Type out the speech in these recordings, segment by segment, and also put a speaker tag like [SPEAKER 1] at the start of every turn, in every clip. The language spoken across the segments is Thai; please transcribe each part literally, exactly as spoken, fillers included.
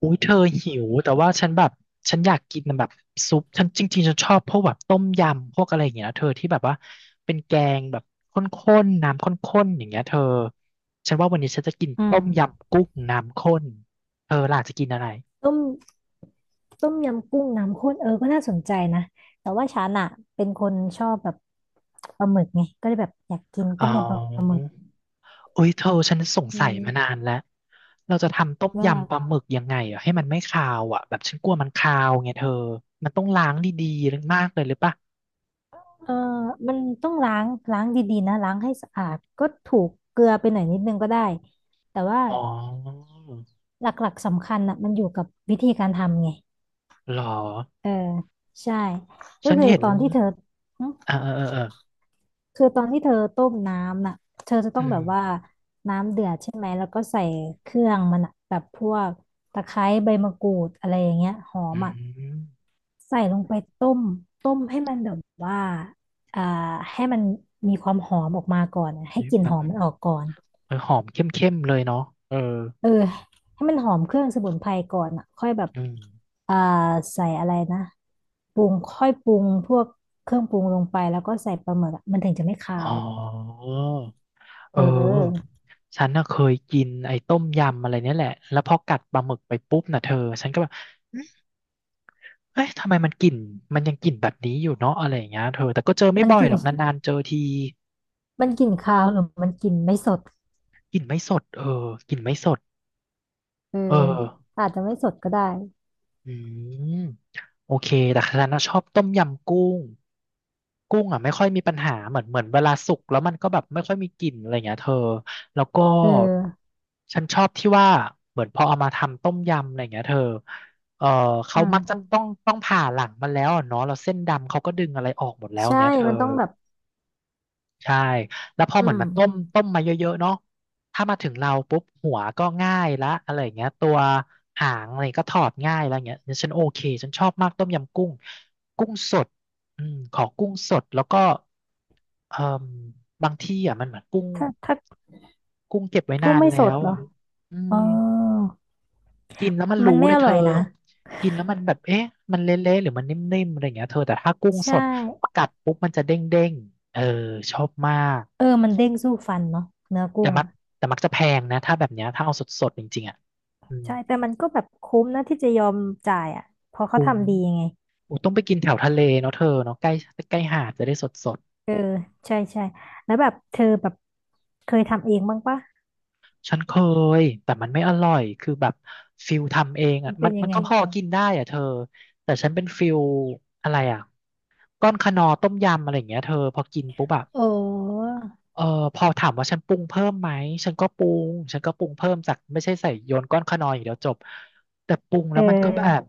[SPEAKER 1] อุ้ยเธอหิวแต่ว่าฉันแบบฉันอยากกินแบบซุปฉันจริงๆฉันชอบพวกแบบต้มยำพวกอะไรอย่างเงี้ยนะเธอที่แบบว่าเป็นแกงแบบข้นๆน้ำข้นๆอย่างเงี้ยเธอฉันว่าวันนี้ฉันจะกิน
[SPEAKER 2] อื
[SPEAKER 1] ต้
[SPEAKER 2] ม
[SPEAKER 1] มยำกุ้งน้ำข้นเธอล่ะจะกินอะไร
[SPEAKER 2] ต้มต้มยำกุ้งน้ำข้นเออก็น่าสนใจนะแต่ว่าฉันอะเป็นคนชอบแบบปลาหมึกไงก็เลยแบบอยากกิน
[SPEAKER 1] อ๋อ
[SPEAKER 2] ต้มยำปลาหมึก
[SPEAKER 1] อุ้ยเธอฉันสง
[SPEAKER 2] อื
[SPEAKER 1] สัยมานา
[SPEAKER 2] ม
[SPEAKER 1] นแล้วเราจะทำต้ม
[SPEAKER 2] ว่า
[SPEAKER 1] ยำปลาหมึกยังไงอ่ะให้มันไม่คาวอ่ะแบบฉันกลัวมันคาวไงเธอมันต้องล้างดีๆมากเลยหรือปะ
[SPEAKER 2] เออมันต้องล้างล้างดีๆนะล้างให้สะอาดก็ถูกเกลือไปหน่อยนิดนึงก็ได้แต่ว่า
[SPEAKER 1] อ๋อ
[SPEAKER 2] หลักๆสำคัญอะมันอยู่กับวิธีการทำไง
[SPEAKER 1] หรอ
[SPEAKER 2] เออใช่ก็
[SPEAKER 1] ฉัน
[SPEAKER 2] คือ
[SPEAKER 1] เห็น
[SPEAKER 2] ตอนที่เธอ
[SPEAKER 1] เออเออเออเออ
[SPEAKER 2] คือตอนที่เธอต้มน้ำน่ะเธอจะต้อ
[SPEAKER 1] อื
[SPEAKER 2] งแบ
[SPEAKER 1] ม
[SPEAKER 2] บว่าน้ำเดือดใช่ไหมแล้วก็ใส่เครื่องมันอะแบบพวกตะไคร้ใบมะกรูดอะไรอย่างเงี้ยหอ
[SPEAKER 1] อื
[SPEAKER 2] มอ่ะ
[SPEAKER 1] ม
[SPEAKER 2] ใส่ลงไปต้มต้มให้มันแบบว่าอ่าให้มันมีความหอมออกมาก่อนอะให้
[SPEAKER 1] ี
[SPEAKER 2] กลิ่น
[SPEAKER 1] แบ
[SPEAKER 2] ห
[SPEAKER 1] บ
[SPEAKER 2] อมมันออกก่อน
[SPEAKER 1] เออหอมเข้มๆเลยเนาะเออ
[SPEAKER 2] เออให้มันหอมเครื่องสมุนไพรก่อนอ่ะค่อยแบบ
[SPEAKER 1] อืม
[SPEAKER 2] อ่าใส่อะไรนะปรุงค่อยปรุงพวกเครื่องปรุงลงไปแล้วก็ใส่ปลาหมึกอะมันถึงจะไม่คา
[SPEAKER 1] อ๋อ
[SPEAKER 2] วเ
[SPEAKER 1] เออ
[SPEAKER 2] ออ
[SPEAKER 1] ฉันน่ะเคยกินไอ้ต้มยำอะไรเนี่ยแหละแล้วพอกัดปลาหมึกไปปุ๊บน่ะเธอฉันก็แบบอืมเอ้ยทำไมมันกลิ่นมันยังกลิ่นแบบนี้อยู่เนาะอะไรอย่างเงี้ยเธอแต่ก็เจอไม่
[SPEAKER 2] มัน
[SPEAKER 1] บ่อ
[SPEAKER 2] ก
[SPEAKER 1] ย
[SPEAKER 2] ลิ่
[SPEAKER 1] ห
[SPEAKER 2] น
[SPEAKER 1] รอกนานๆเจอที
[SPEAKER 2] มันกลิ่นคาวหรือมันกลิ่นไม่สด
[SPEAKER 1] กลิ่นไม่สดเออกลิ่นไม่สด
[SPEAKER 2] เออ
[SPEAKER 1] เออ
[SPEAKER 2] อาจจะไม่สดก็ได้
[SPEAKER 1] อืมโอเคแต่ฉันน่ะชอบต้มยำกุ้งกุ้งอ่ะไม่ค่อยมีปัญหาเหมือนเหมือนเวลาสุกแล้วมันก็แบบไม่ค่อยมีกลิ่นอะไรเงี้ยเธอแล้วก็
[SPEAKER 2] เออ
[SPEAKER 1] ฉันชอบที่ว่าเหมือนพอเอามาทำต้มยำอะไรเงี้ยเธอเออ
[SPEAKER 2] อื
[SPEAKER 1] เขามักจะ
[SPEAKER 2] ม
[SPEAKER 1] ต้องต้องผ่าหลังมันแล้วอะเนาะแล้วเส้นดำเขาก็ดึงอะไรออกหมดแล้ว
[SPEAKER 2] ใช่
[SPEAKER 1] เงี้ยเธอ
[SPEAKER 2] มันต้องแบบ
[SPEAKER 1] ใช่แล้วพอ
[SPEAKER 2] อื
[SPEAKER 1] เหมือน
[SPEAKER 2] ม
[SPEAKER 1] มันต้มต้มมาเยอะๆเนาะถ้ามาถึงเราปุ๊บหัวก็ง่ายละอะไรอย่างเงี้ยตัวหางอะไรก็ถอดง่ายแล้วเงี้ยฉันโอเคฉันชอบมากต้มยำกุ้งกุ้งสดอืมขอกุ้งสดแล้วก็เอ่มบางที่อ่ะมันเหมือนกุ้ง
[SPEAKER 2] ถ้าถ้า
[SPEAKER 1] กุ้งเก็บไว้นา
[SPEAKER 2] กุ้ง
[SPEAKER 1] น
[SPEAKER 2] ไม่
[SPEAKER 1] แล้
[SPEAKER 2] สด
[SPEAKER 1] ว
[SPEAKER 2] เห
[SPEAKER 1] อ
[SPEAKER 2] ร
[SPEAKER 1] ย่า
[SPEAKER 2] อ
[SPEAKER 1] งเงี้ยอื
[SPEAKER 2] อ๋
[SPEAKER 1] ม
[SPEAKER 2] อ
[SPEAKER 1] กินแล้วมัน
[SPEAKER 2] มั
[SPEAKER 1] รู้
[SPEAKER 2] นไม่
[SPEAKER 1] เลย
[SPEAKER 2] อ
[SPEAKER 1] เธ
[SPEAKER 2] ร่
[SPEAKER 1] อ
[SPEAKER 2] อยนะ
[SPEAKER 1] กินแล้วมันแบบเอ๊ะมันเละๆหรือมันนิ่มๆอะไรอย่างเงี้ยเธอแต่ถ้ากุ้ง
[SPEAKER 2] ใช
[SPEAKER 1] สด
[SPEAKER 2] ่
[SPEAKER 1] กัดปุ๊บมันจะเด้งๆเออชอบมาก
[SPEAKER 2] เออมันเด้งสู้ฟันเนาะเนื้อ
[SPEAKER 1] แต่
[SPEAKER 2] กุ้ง
[SPEAKER 1] มัก
[SPEAKER 2] อ่ะ
[SPEAKER 1] แต่มักจะแพงนะถ้าแบบเนี้ยถ้าเอาสดๆจริงๆอ่ะอืม
[SPEAKER 2] ใช่แต่มันก็แบบคุ้มนะที่จะยอมจ่ายอ่ะเพอเขา
[SPEAKER 1] คุ้ม
[SPEAKER 2] ทำดีไง
[SPEAKER 1] โอ้ต้องไปกินแถวทะเลเนาะเธอเนาะใกล้ใกล้หาดจะได้สด
[SPEAKER 2] เออใช่ใช่แล้วแบบเธอแบบเคยทำเองบ้างปะ
[SPEAKER 1] ๆฉันเคยแต่มันไม่อร่อยคือแบบฟิลทำเอง
[SPEAKER 2] มั
[SPEAKER 1] อ่ะ
[SPEAKER 2] นเป็
[SPEAKER 1] มั
[SPEAKER 2] น
[SPEAKER 1] น
[SPEAKER 2] ยั
[SPEAKER 1] มั
[SPEAKER 2] ง
[SPEAKER 1] น
[SPEAKER 2] ไง
[SPEAKER 1] ก็พอกินได้อ่ะเธอแต่ฉันเป็นฟิลอะไรอ่ะก้อนคะนอต้มยำอะไรอย่างเงี้ยเธอพอกินปุ๊บอะ
[SPEAKER 2] โอ้
[SPEAKER 1] เออพอถามว่าฉันปรุงเพิ่มไหมฉันก็ปรุงฉันก็ปรุงเพิ่มจากไม่ใช่ใส่โยนก้อนขนอยอย่างเดียวจบแต่ปรุง
[SPEAKER 2] เ
[SPEAKER 1] แล้วมันก็แบบ
[SPEAKER 2] ออ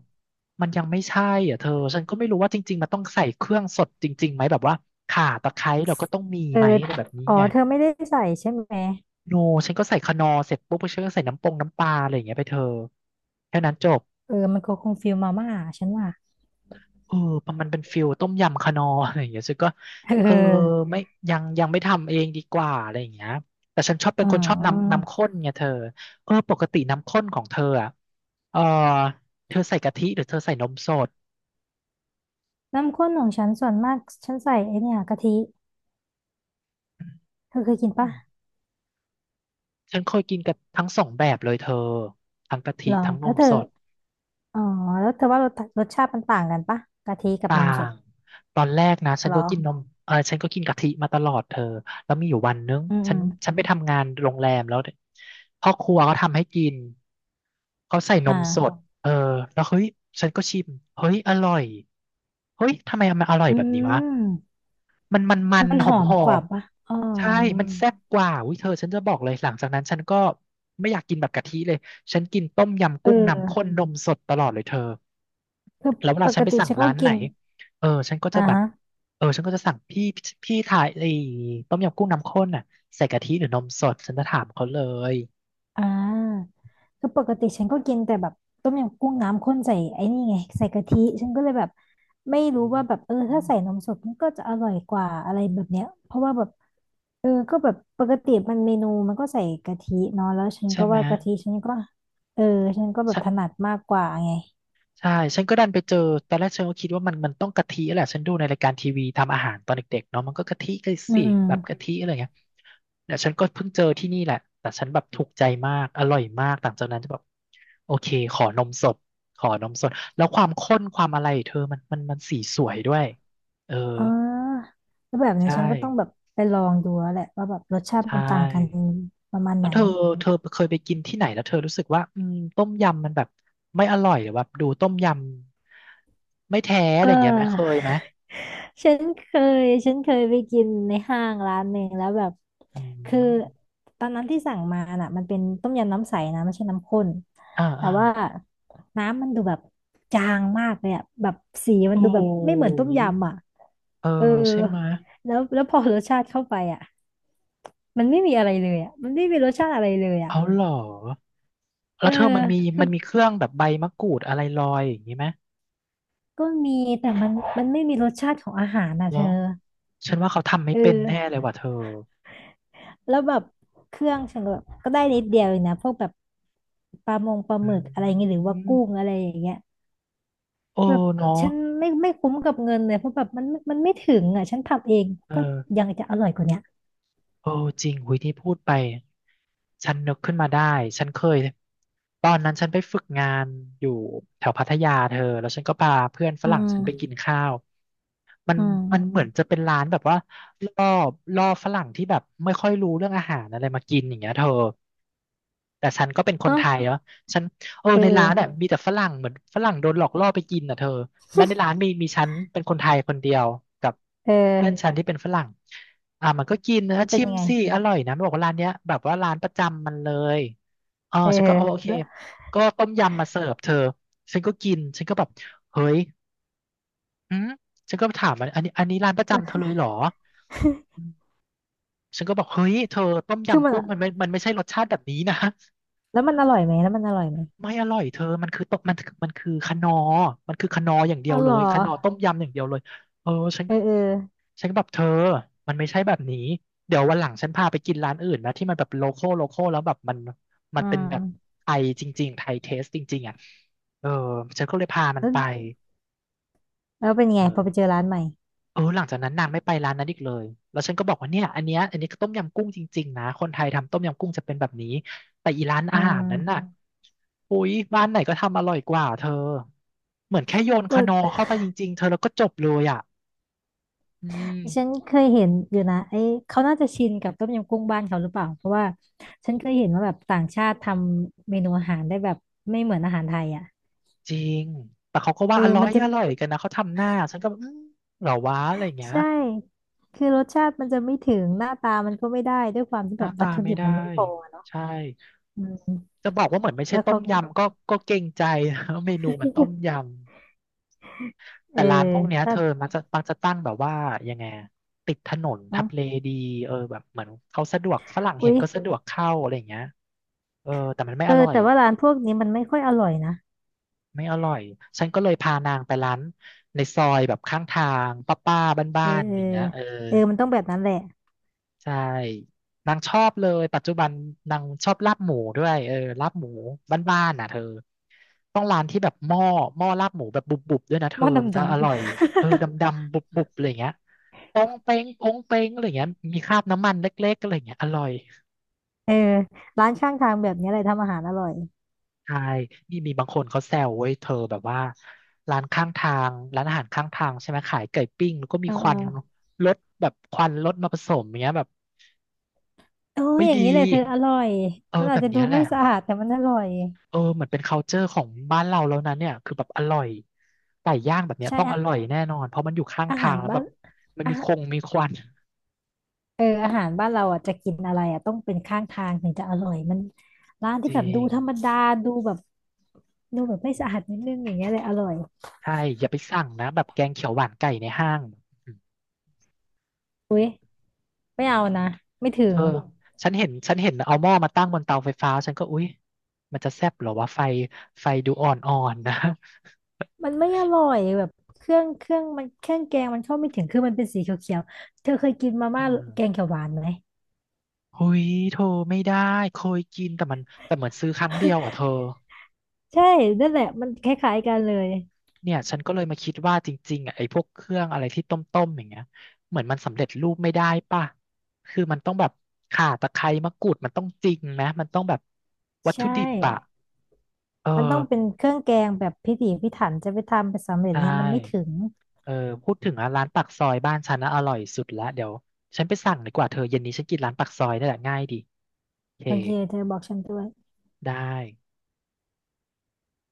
[SPEAKER 1] มันยังไม่ใช่อ่ะเธอฉันก็ไม่รู้ว่าจริงๆมันต้องใส่เครื่องสดจริงๆไหมแบบว่าข่าตะไคร้เราก็ต้องมี
[SPEAKER 2] เอ
[SPEAKER 1] ไหม
[SPEAKER 2] อ
[SPEAKER 1] อะไรแบบนี้
[SPEAKER 2] อ๋อ
[SPEAKER 1] ไง
[SPEAKER 2] เธอไม่ได้ใส่ใช่ไหม
[SPEAKER 1] โนฉันก็ใส่คนอเสร็จปุ๊บฉันก็ใส่น้ำปงน้ำปลาอะไรอย่างเงี้ยไปเธอแค่นั้นจบ
[SPEAKER 2] เออมันก็คงฟิลมาม่าฉันว่า
[SPEAKER 1] เออมันมันเป็นฟิลต้มยำคานอร์อะไรอย่างเงี้ยซึ่งก็
[SPEAKER 2] เ
[SPEAKER 1] เออ
[SPEAKER 2] ออ
[SPEAKER 1] ไม่ยังยังไม่ทำเองดีกว่าอะไรอย่างเงี้ยแต่ฉันชอบเป็น
[SPEAKER 2] อ๋
[SPEAKER 1] คนชอบน้ำ
[SPEAKER 2] อ
[SPEAKER 1] น้ำข้นไงเธอเออปกติน้ำข้นของเธออ่ะเออเธอใส่กะทิหรือเธอใส่นมสด
[SPEAKER 2] น้ำข้นของฉันส่วนมากฉันใส่ไอเนี่ยกะทิเธอเคยกิน
[SPEAKER 1] อื
[SPEAKER 2] ปะ
[SPEAKER 1] มฉันเคยกินกับทั้งสองแบบเลยเธอทั้งกะทิ
[SPEAKER 2] หรอ
[SPEAKER 1] ทั้งน
[SPEAKER 2] แล้ว
[SPEAKER 1] ม
[SPEAKER 2] เธอ
[SPEAKER 1] สด
[SPEAKER 2] อ๋อแล้วเธอว่ารสรสชาติมันต่างกันปะกะทิกับ
[SPEAKER 1] ต่า
[SPEAKER 2] นมสด
[SPEAKER 1] งตอนแรกนะ
[SPEAKER 2] ห
[SPEAKER 1] ฉัน
[SPEAKER 2] รอ
[SPEAKER 1] ก็กินนมเออฉันก็กินกะทิมาตลอดเธอแล้วมีอยู่วันนึง
[SPEAKER 2] อืม
[SPEAKER 1] ฉั
[SPEAKER 2] อื
[SPEAKER 1] น
[SPEAKER 2] ม
[SPEAKER 1] ฉันไปทำงานโรงแรมแล้วพ่อครัวเขาทำให้กินเขาใส่น
[SPEAKER 2] อ
[SPEAKER 1] มสด
[SPEAKER 2] ่า
[SPEAKER 1] เออแล้วเฮ้ยฉันก็ชิมเฮ้ยอร่อยเฮ้ยทำไมมันอร่อย
[SPEAKER 2] อื
[SPEAKER 1] แบบนี้วะ
[SPEAKER 2] ม
[SPEAKER 1] มันมันมัน
[SPEAKER 2] มัน
[SPEAKER 1] ห
[SPEAKER 2] ห
[SPEAKER 1] อ
[SPEAKER 2] อ
[SPEAKER 1] ม
[SPEAKER 2] ม
[SPEAKER 1] หอ
[SPEAKER 2] กว่า
[SPEAKER 1] ม
[SPEAKER 2] ปะอ๋อ
[SPEAKER 1] ใช่มันแซ่บกว่าอุ้ยเธอฉันจะบอกเลยหลังจากนั้นฉันก็ไม่อยากกินแบบกะทิเลยฉันกินต้มยำ
[SPEAKER 2] เอ
[SPEAKER 1] กุ้งน้ำข้น
[SPEAKER 2] อ
[SPEAKER 1] นมสดตลอดเลยเธอ
[SPEAKER 2] คือ
[SPEAKER 1] แล้วเว
[SPEAKER 2] ป
[SPEAKER 1] ลาฉั
[SPEAKER 2] ก
[SPEAKER 1] นไป
[SPEAKER 2] ติ
[SPEAKER 1] สั่ง
[SPEAKER 2] ฉันก็
[SPEAKER 1] ร้านไหน
[SPEAKER 2] กิน
[SPEAKER 1] เออฉันก็จะ
[SPEAKER 2] อ่า
[SPEAKER 1] แบบ
[SPEAKER 2] ฮะ
[SPEAKER 1] เออฉันก็จะสั่งพี่พี่ถ่ายไอ้ต้มยำกุ้งน้ำข้นน่ะใส่กะทิหรือนมสดฉันจะถามเขาเลย
[SPEAKER 2] อ่าคือปกติฉันก็กินแต่แบบต้มยำกุ้งน้ำข้นใส่ไอ้นี่ไงใส่กะทิฉันก็เลยแบบไม่
[SPEAKER 1] อื
[SPEAKER 2] รู้ว่า
[SPEAKER 1] ม
[SPEAKER 2] แบบเออถ้าใส่นมสดมันก็จะอร่อยกว่าอะไรแบบเนี้ยเพราะว่าแบบเออก็แบบปกติมันเมนูมันก็ใส่กะทิเนาะแล้วฉัน
[SPEAKER 1] ใช่
[SPEAKER 2] ก็
[SPEAKER 1] ไหม
[SPEAKER 2] ว่ากะทิฉันก็เออฉันก็แบบถนัดมากกว่าไง
[SPEAKER 1] ใช่ฉันก็ดันไปเจอตอนแรกฉันก็คิดว่ามันมันต้องกะทิแหละฉันดูในรายการทีวีทำอาหารตอนเด็กๆเนาะมันก็กะทิก็
[SPEAKER 2] อื
[SPEAKER 1] สิ
[SPEAKER 2] มอืม
[SPEAKER 1] แบบกะทิอะไรเงี้ยเดี๋ยวฉันก็เพิ่งเจอที่นี่แหละแต่ฉันแบบถูกใจมากอร่อยมากหลังจากนั้นจะแบบโอเคขอนมสดขอนมสดแล้วความข้นความอะไรเธอมันมันมันสีสวยด้วยเออ
[SPEAKER 2] อ๋อแล้วแบบนี้
[SPEAKER 1] ใช่
[SPEAKER 2] ฉันก็ต้องแบบไปลองดูแล้วแหละว่าแบบรสชาติ
[SPEAKER 1] ใช
[SPEAKER 2] มันต่างกัน
[SPEAKER 1] ่
[SPEAKER 2] ประมาณ
[SPEAKER 1] แล้
[SPEAKER 2] ไหน
[SPEAKER 1] วเธอเธอเคยไปกินที่ไหนแล้วเธอรู้สึกว่าอืมต้มยำมันแบบไม่อร่อยหรือว่าดูต้มยำไม่แท้อะ
[SPEAKER 2] เอ
[SPEAKER 1] ไรอย่างเงี้ยไหมเคย
[SPEAKER 2] อ
[SPEAKER 1] ไหม
[SPEAKER 2] ฉันเคยฉันเคยไปกินในห้างร้านหนึ่งแล้วแบบ
[SPEAKER 1] อื
[SPEAKER 2] คือ
[SPEAKER 1] ม
[SPEAKER 2] ตอนนั้นที่สั่งมาน่ะมันเป็นต้มยำน้ำใสนะไม่ใช่น้ำข้น
[SPEAKER 1] อ่า
[SPEAKER 2] แต่
[SPEAKER 1] อ่า
[SPEAKER 2] ว่าน้ำมันดูแบบจางมากเลยอะแบบสีมั
[SPEAKER 1] โอ้
[SPEAKER 2] นดูแบบไม่เหมือนต้ม
[SPEAKER 1] ย
[SPEAKER 2] ยำอ่ะ
[SPEAKER 1] เออ
[SPEAKER 2] เออ
[SPEAKER 1] ใช่ไหมะ
[SPEAKER 2] แล้วแล้วพอรสชาติเข้าไปอ่ะมันไม่มีอะไรเลยอ่ะมันไม่มีรสชาติอะไรเลยอ่ะ
[SPEAKER 1] เอาเหรอ
[SPEAKER 2] เอ
[SPEAKER 1] แล้
[SPEAKER 2] อ
[SPEAKER 1] วเธอมันมี
[SPEAKER 2] คื
[SPEAKER 1] มั
[SPEAKER 2] อ
[SPEAKER 1] นมีเครื่องแบบใบมะกรูดอะไรลอยอย่างนี้ไหม
[SPEAKER 2] ก็มีแต่มันมันไม่มีรสชาติของอาหารนะ
[SPEAKER 1] เหร
[SPEAKER 2] เธ
[SPEAKER 1] อ
[SPEAKER 2] อ
[SPEAKER 1] ฉันว่าเขาทำไม่
[SPEAKER 2] เอ
[SPEAKER 1] เป็นแน่เลย
[SPEAKER 2] อ
[SPEAKER 1] ว่ะเธอ
[SPEAKER 2] แล้วแบบเครื่องฉันก็แบบก็ได้นิดเดียวเองนะพวกแบบปลามงปลาห
[SPEAKER 1] อื
[SPEAKER 2] มึกอะไรเงี้ยหรือว่า
[SPEAKER 1] ม
[SPEAKER 2] กุ้งอะไรอย่างเงี้ย
[SPEAKER 1] โอ้
[SPEAKER 2] แบบ
[SPEAKER 1] เนาะ
[SPEAKER 2] ฉันไม่ไม่คุ้มกับเงินเลยเพราะแบบมันมันไม่ถึงอ่ะฉันทำเอง
[SPEAKER 1] เอ
[SPEAKER 2] ก็
[SPEAKER 1] อ
[SPEAKER 2] ยังจะอร่อยกว่าเนี้ย
[SPEAKER 1] โอ้จริงหุยที่พูดไปฉันนึกขึ้นมาได้ฉันเคยตอนนั้นฉันไปฝึกงานอยู่แถวพัทยาเธอแล้วฉันก็พาเพื่อนฝ
[SPEAKER 2] อื
[SPEAKER 1] รั่ง
[SPEAKER 2] ม
[SPEAKER 1] ฉันไปกินข้าวมัน
[SPEAKER 2] อื
[SPEAKER 1] มัน
[SPEAKER 2] ม
[SPEAKER 1] เหมือนจะเป็นร้านแบบว่าล่อล่อฝรั่งที่แบบไม่ค่อยรู้เรื่องอาหารอะไรมากินอย่างเงี้ยเธอแต่ฉันก็เป็นคน
[SPEAKER 2] เอ้า
[SPEAKER 1] ไทยเนาะฉันเออ
[SPEAKER 2] เ
[SPEAKER 1] ในร้านเนี่ย
[SPEAKER 2] ออ
[SPEAKER 1] มีแต่ฝรั่งเหมือนฝรั่งโดนหลอกล่อไปกินอ่ะเธอแล้วในร้านมีมีฉันเป็นคนไทยคนเดียวกับ
[SPEAKER 2] เอ
[SPEAKER 1] เพื่อนฉั
[SPEAKER 2] อ
[SPEAKER 1] นที่เป็นฝรั่ง อ่ะมันก็กินนะ
[SPEAKER 2] มันเป็น
[SPEAKER 1] ชิม
[SPEAKER 2] ยังไง
[SPEAKER 1] สิอร่อยนะมันบอกว่าร้านเนี้ยแบบว่าร้านประจำมันเลยอ๋อ
[SPEAKER 2] เออ
[SPEAKER 1] ฉันก็เอโอโอเค
[SPEAKER 2] แล้ว
[SPEAKER 1] ก็ต้มยำมาเสิร์ฟเธอฉันก็กินฉันก็แบบเฮ้ยอืมฉันก็ถามมันอันนี้อันนี้ร้านประ
[SPEAKER 2] มั
[SPEAKER 1] จำเธอ
[SPEAKER 2] น
[SPEAKER 1] เลยเหรออืมฉันก็บอกเฮ้ยเธอต้ม
[SPEAKER 2] คือ
[SPEAKER 1] ยำ
[SPEAKER 2] มัน
[SPEAKER 1] กุ้ง
[SPEAKER 2] อะ
[SPEAKER 1] มันไม่มันไม่ใช่รสชาติแบบนี้นะ
[SPEAKER 2] แล้วมันอร่อยไหมแล้วมันอร่อยไหม
[SPEAKER 1] ไม่อร่อยเธอมันคือต้มมันมันคือคะนอมันคือคะนออย่างเดี
[SPEAKER 2] อ๋
[SPEAKER 1] ย
[SPEAKER 2] อ
[SPEAKER 1] ว
[SPEAKER 2] เห
[SPEAKER 1] เล
[SPEAKER 2] รอ
[SPEAKER 1] ยคะนอต้มยำอย่างเดียวเลยเออฉัน
[SPEAKER 2] เออเออ
[SPEAKER 1] ฉันก็แบบเธอมันไม่ใช่แบบนี้ เดี๋ยววันหลังฉันพาไปกินร้านอื่นนะที่มันแบบโลคอลโลคอลแล้วแบบมันมั
[SPEAKER 2] อื
[SPEAKER 1] นเป็นแบบ
[SPEAKER 2] ม
[SPEAKER 1] ไทยจริงๆ ไทยเทสจริงๆอ่ะเออฉันก็เลยพามัน
[SPEAKER 2] แล้ว
[SPEAKER 1] ไป
[SPEAKER 2] แล้วเป็นยัง
[SPEAKER 1] เอ
[SPEAKER 2] ไงพอ
[SPEAKER 1] อ
[SPEAKER 2] ไปเจอร้านใหม่
[SPEAKER 1] เออหลังจากนั้นนางไม่ไปร้านนั้นอีกเลยแล้วฉันก็บอกว่าเนี่ยอันเนี้ยอันนี้ก็ต้มยำกุ้งจริงๆนะคนไทยทำต้มยำกุ้งจะเป็นแบบนี้แต่อีร้าน
[SPEAKER 2] อื
[SPEAKER 1] อาหารนั้นน่ะ
[SPEAKER 2] ม
[SPEAKER 1] อุ๊ยบ้านไหนก็ทำอร่อยกว่าเธอเหมือนแค่โยน
[SPEAKER 2] แต่
[SPEAKER 1] คานอเข้าไปจริงๆเธอแล้วก็จบเลยอ่ะอืม
[SPEAKER 2] ฉันเคยเห็นอยู่นะไอ้เขาน่าจะชินกับต้มยำกุ้งบ้านเขาหรือเปล่าเพราะว่าฉันเคยเห็นว่าแบบต่างชาติทำเมนูอาหารได้แบบไม่เหมือนอาหารไทยอ่ะ
[SPEAKER 1] จริงแต่เขาก็
[SPEAKER 2] เอ
[SPEAKER 1] ว่า
[SPEAKER 2] อ
[SPEAKER 1] อร่อ
[SPEAKER 2] มัน
[SPEAKER 1] ย
[SPEAKER 2] จะ
[SPEAKER 1] อร่อยกันนะเขาทำหน้าฉันก็แบบอืมเหรอวะอะไรอย่างเงี้ย
[SPEAKER 2] ใช่คือรสชาติมันจะไม่ถึงหน้าตามันก็ไม่ได้ด้วยความที่
[SPEAKER 1] ห
[SPEAKER 2] แบ
[SPEAKER 1] น้า
[SPEAKER 2] บวั
[SPEAKER 1] ตา
[SPEAKER 2] ตถุ
[SPEAKER 1] ไม่
[SPEAKER 2] ดิบ
[SPEAKER 1] ได้
[SPEAKER 2] มันไม่พออะเนาะ
[SPEAKER 1] ใช่
[SPEAKER 2] อืม
[SPEAKER 1] จะบอกว่าเหมือนไม่ใช่
[SPEAKER 2] แล้ว
[SPEAKER 1] ต้
[SPEAKER 2] เขา
[SPEAKER 1] มยำก็ก็เกรงใจ นะเมนูมันต้มยำ
[SPEAKER 2] เอ
[SPEAKER 1] แต่
[SPEAKER 2] อ
[SPEAKER 1] ร้านพวกเนี้ย
[SPEAKER 2] ก็
[SPEAKER 1] เธอมักจะมักจะตั้งแบบว่ายังไงอะติดถนน
[SPEAKER 2] อ๋
[SPEAKER 1] ทั
[SPEAKER 2] อ
[SPEAKER 1] บเลดีเออแบบเหมือนเขาสะดวกฝรั่งเห็
[SPEAKER 2] อุ๊
[SPEAKER 1] น
[SPEAKER 2] ย
[SPEAKER 1] ก็สะดวกเข้าอะไรอย่างเงี้ยเออแต่มันไม่
[SPEAKER 2] เอ
[SPEAKER 1] อ
[SPEAKER 2] อ
[SPEAKER 1] ร่อย
[SPEAKER 2] แต่ว่าร้านพวกนี้มันไม่ค่อยอร่อยนะ
[SPEAKER 1] ไม่อร่อยฉันก็เลยพานางไปร้านในซอยแบบข้างทางป้าๆบ้า
[SPEAKER 2] เออ
[SPEAKER 1] นๆอะ
[SPEAKER 2] เอ
[SPEAKER 1] ไร
[SPEAKER 2] อ
[SPEAKER 1] อย่างเงี้ยเออ
[SPEAKER 2] เออมันต้องแบบนั้นแหละ
[SPEAKER 1] ใช่นางชอบเลยปัจจุบันนางชอบลาบหมูด้วยเออลาบหมูบ้านๆน่ะเธอ ต้องร้านที่แบบหม้อหม้อลาบหมูแบบบุบๆด้วยนะเธ
[SPEAKER 2] หม้
[SPEAKER 1] อ
[SPEAKER 2] อด
[SPEAKER 1] มันจะ
[SPEAKER 2] ำ
[SPEAKER 1] อ
[SPEAKER 2] ๆ
[SPEAKER 1] ร่อยเออดำๆบุบๆอะไรอย่างเงี้ยปองเป้งปองเป้งอะไรอย่างเงี้ยมีคราบน้ำมันเล็กๆอะไรอย่างเงี้ยอร่อย
[SPEAKER 2] เออร้านข้างทางแบบนี้อะไรทำอาหารอร่อย
[SPEAKER 1] ใช่นี่มีบางคนเขาแซวเว้ยเธอแบบว่าร้านข้างทางร้านอาหารข้างทางใช่ไหมขายไก่ปิ้งแล้วก็มี
[SPEAKER 2] เอ
[SPEAKER 1] ควัน
[SPEAKER 2] อ
[SPEAKER 1] รถแบบควันรถมาผสมอย่างเงี้ยแบบ
[SPEAKER 2] โอ้ย
[SPEAKER 1] ไม่
[SPEAKER 2] อย่าง
[SPEAKER 1] ดี
[SPEAKER 2] นี้เลยเธออร่อย
[SPEAKER 1] เออ
[SPEAKER 2] มัน
[SPEAKER 1] แบ
[SPEAKER 2] อาจ
[SPEAKER 1] บ
[SPEAKER 2] จะดู
[SPEAKER 1] เนี้ยแหละ
[SPEAKER 2] ไม่สะอาดแต่มันอร่อย
[SPEAKER 1] เออเหมือนเป็น culture ของบ้านเราแล้วนะเนี่ยคือแบบอร่อยไก่ย่างแบบเนี้ย
[SPEAKER 2] ใช่
[SPEAKER 1] ต้องอ
[SPEAKER 2] อะ
[SPEAKER 1] ร่อยแน่นอนเพราะมันอยู่ข้าง
[SPEAKER 2] อา
[SPEAKER 1] ทา
[SPEAKER 2] หา
[SPEAKER 1] ง
[SPEAKER 2] ร
[SPEAKER 1] แล้วแบ
[SPEAKER 2] บ้า
[SPEAKER 1] บ
[SPEAKER 2] น
[SPEAKER 1] มัน
[SPEAKER 2] อา
[SPEAKER 1] มีค
[SPEAKER 2] หาร
[SPEAKER 1] งมีควัน
[SPEAKER 2] เอออาหารบ้านเราอ่ะจะกินอะไรอ่ะต้องเป็นข้างทางถึงจะอร่อยมันร้าน
[SPEAKER 1] จ
[SPEAKER 2] ที่แบ
[SPEAKER 1] ริ
[SPEAKER 2] บดู
[SPEAKER 1] ง
[SPEAKER 2] ธรรมดาดูแบบดูแบบไม่สะอาดนิดนึงอย่างเงี้ยเลยอร่อย
[SPEAKER 1] ใช่อย่าไปสั่งนะแบบแกงเขียวหวานไก่ในห้างอืม
[SPEAKER 2] ไม่เอานะไม่ถึ
[SPEAKER 1] เธ
[SPEAKER 2] ง
[SPEAKER 1] อฉันเห็นฉันเห็นเอาหม้อมาตั้งบนเตาไฟฟ้าฉันก็อุ๊ยมันจะแซ่บเหรอวะไฟไฟดูอ่อนๆนะ
[SPEAKER 2] มันไม่อร่อยแบบเครื่องเครื่องมันเครื่องแกงมันเข้าไม่ถึงคือมันเป็นสีเขียวๆเธอเคยกินมา
[SPEAKER 1] อ่า
[SPEAKER 2] ม่าแกงเขียวหวานไหม
[SPEAKER 1] หุยโธไม่ได้เคยกินแต่มันแต่เหมือนซื้อครั้งเดียวอ่ะเธอ
[SPEAKER 2] ใช่นั่นแหละมันคล้ายๆกันเลย
[SPEAKER 1] เนี่ยฉันก็เลยมาคิดว่าจริงๆอ่ะไอ้พวกเครื่องอะไรที่ต้มๆอย่างเงี้ยเหมือนมันสำเร็จรูปไม่ได้ป่ะคือมันต้องแบบข่าตะไคร้มะกรูดมันต้องจริงนะมันต้องแบบวัตถุ
[SPEAKER 2] ใช่
[SPEAKER 1] ดิบอ่ะเออ
[SPEAKER 2] มันต้องเป็นเครื่องแกงแบบพิถีพิถันจะไปทำไปสำเร็
[SPEAKER 1] ใช
[SPEAKER 2] จเนี้ยมันไม่ถึ
[SPEAKER 1] ่
[SPEAKER 2] ง
[SPEAKER 1] เออพูดถึงอ่ะร้านปากซอยบ้านฉันนะอร่อยสุดละเดี๋ยวฉันไปสั่งดีกว่าเธอเย็นนี้ฉันกินร้านปากซอยนี่แหละง่ายดีโอเค
[SPEAKER 2] บางทีเธอบอกฉันด้วย
[SPEAKER 1] ได้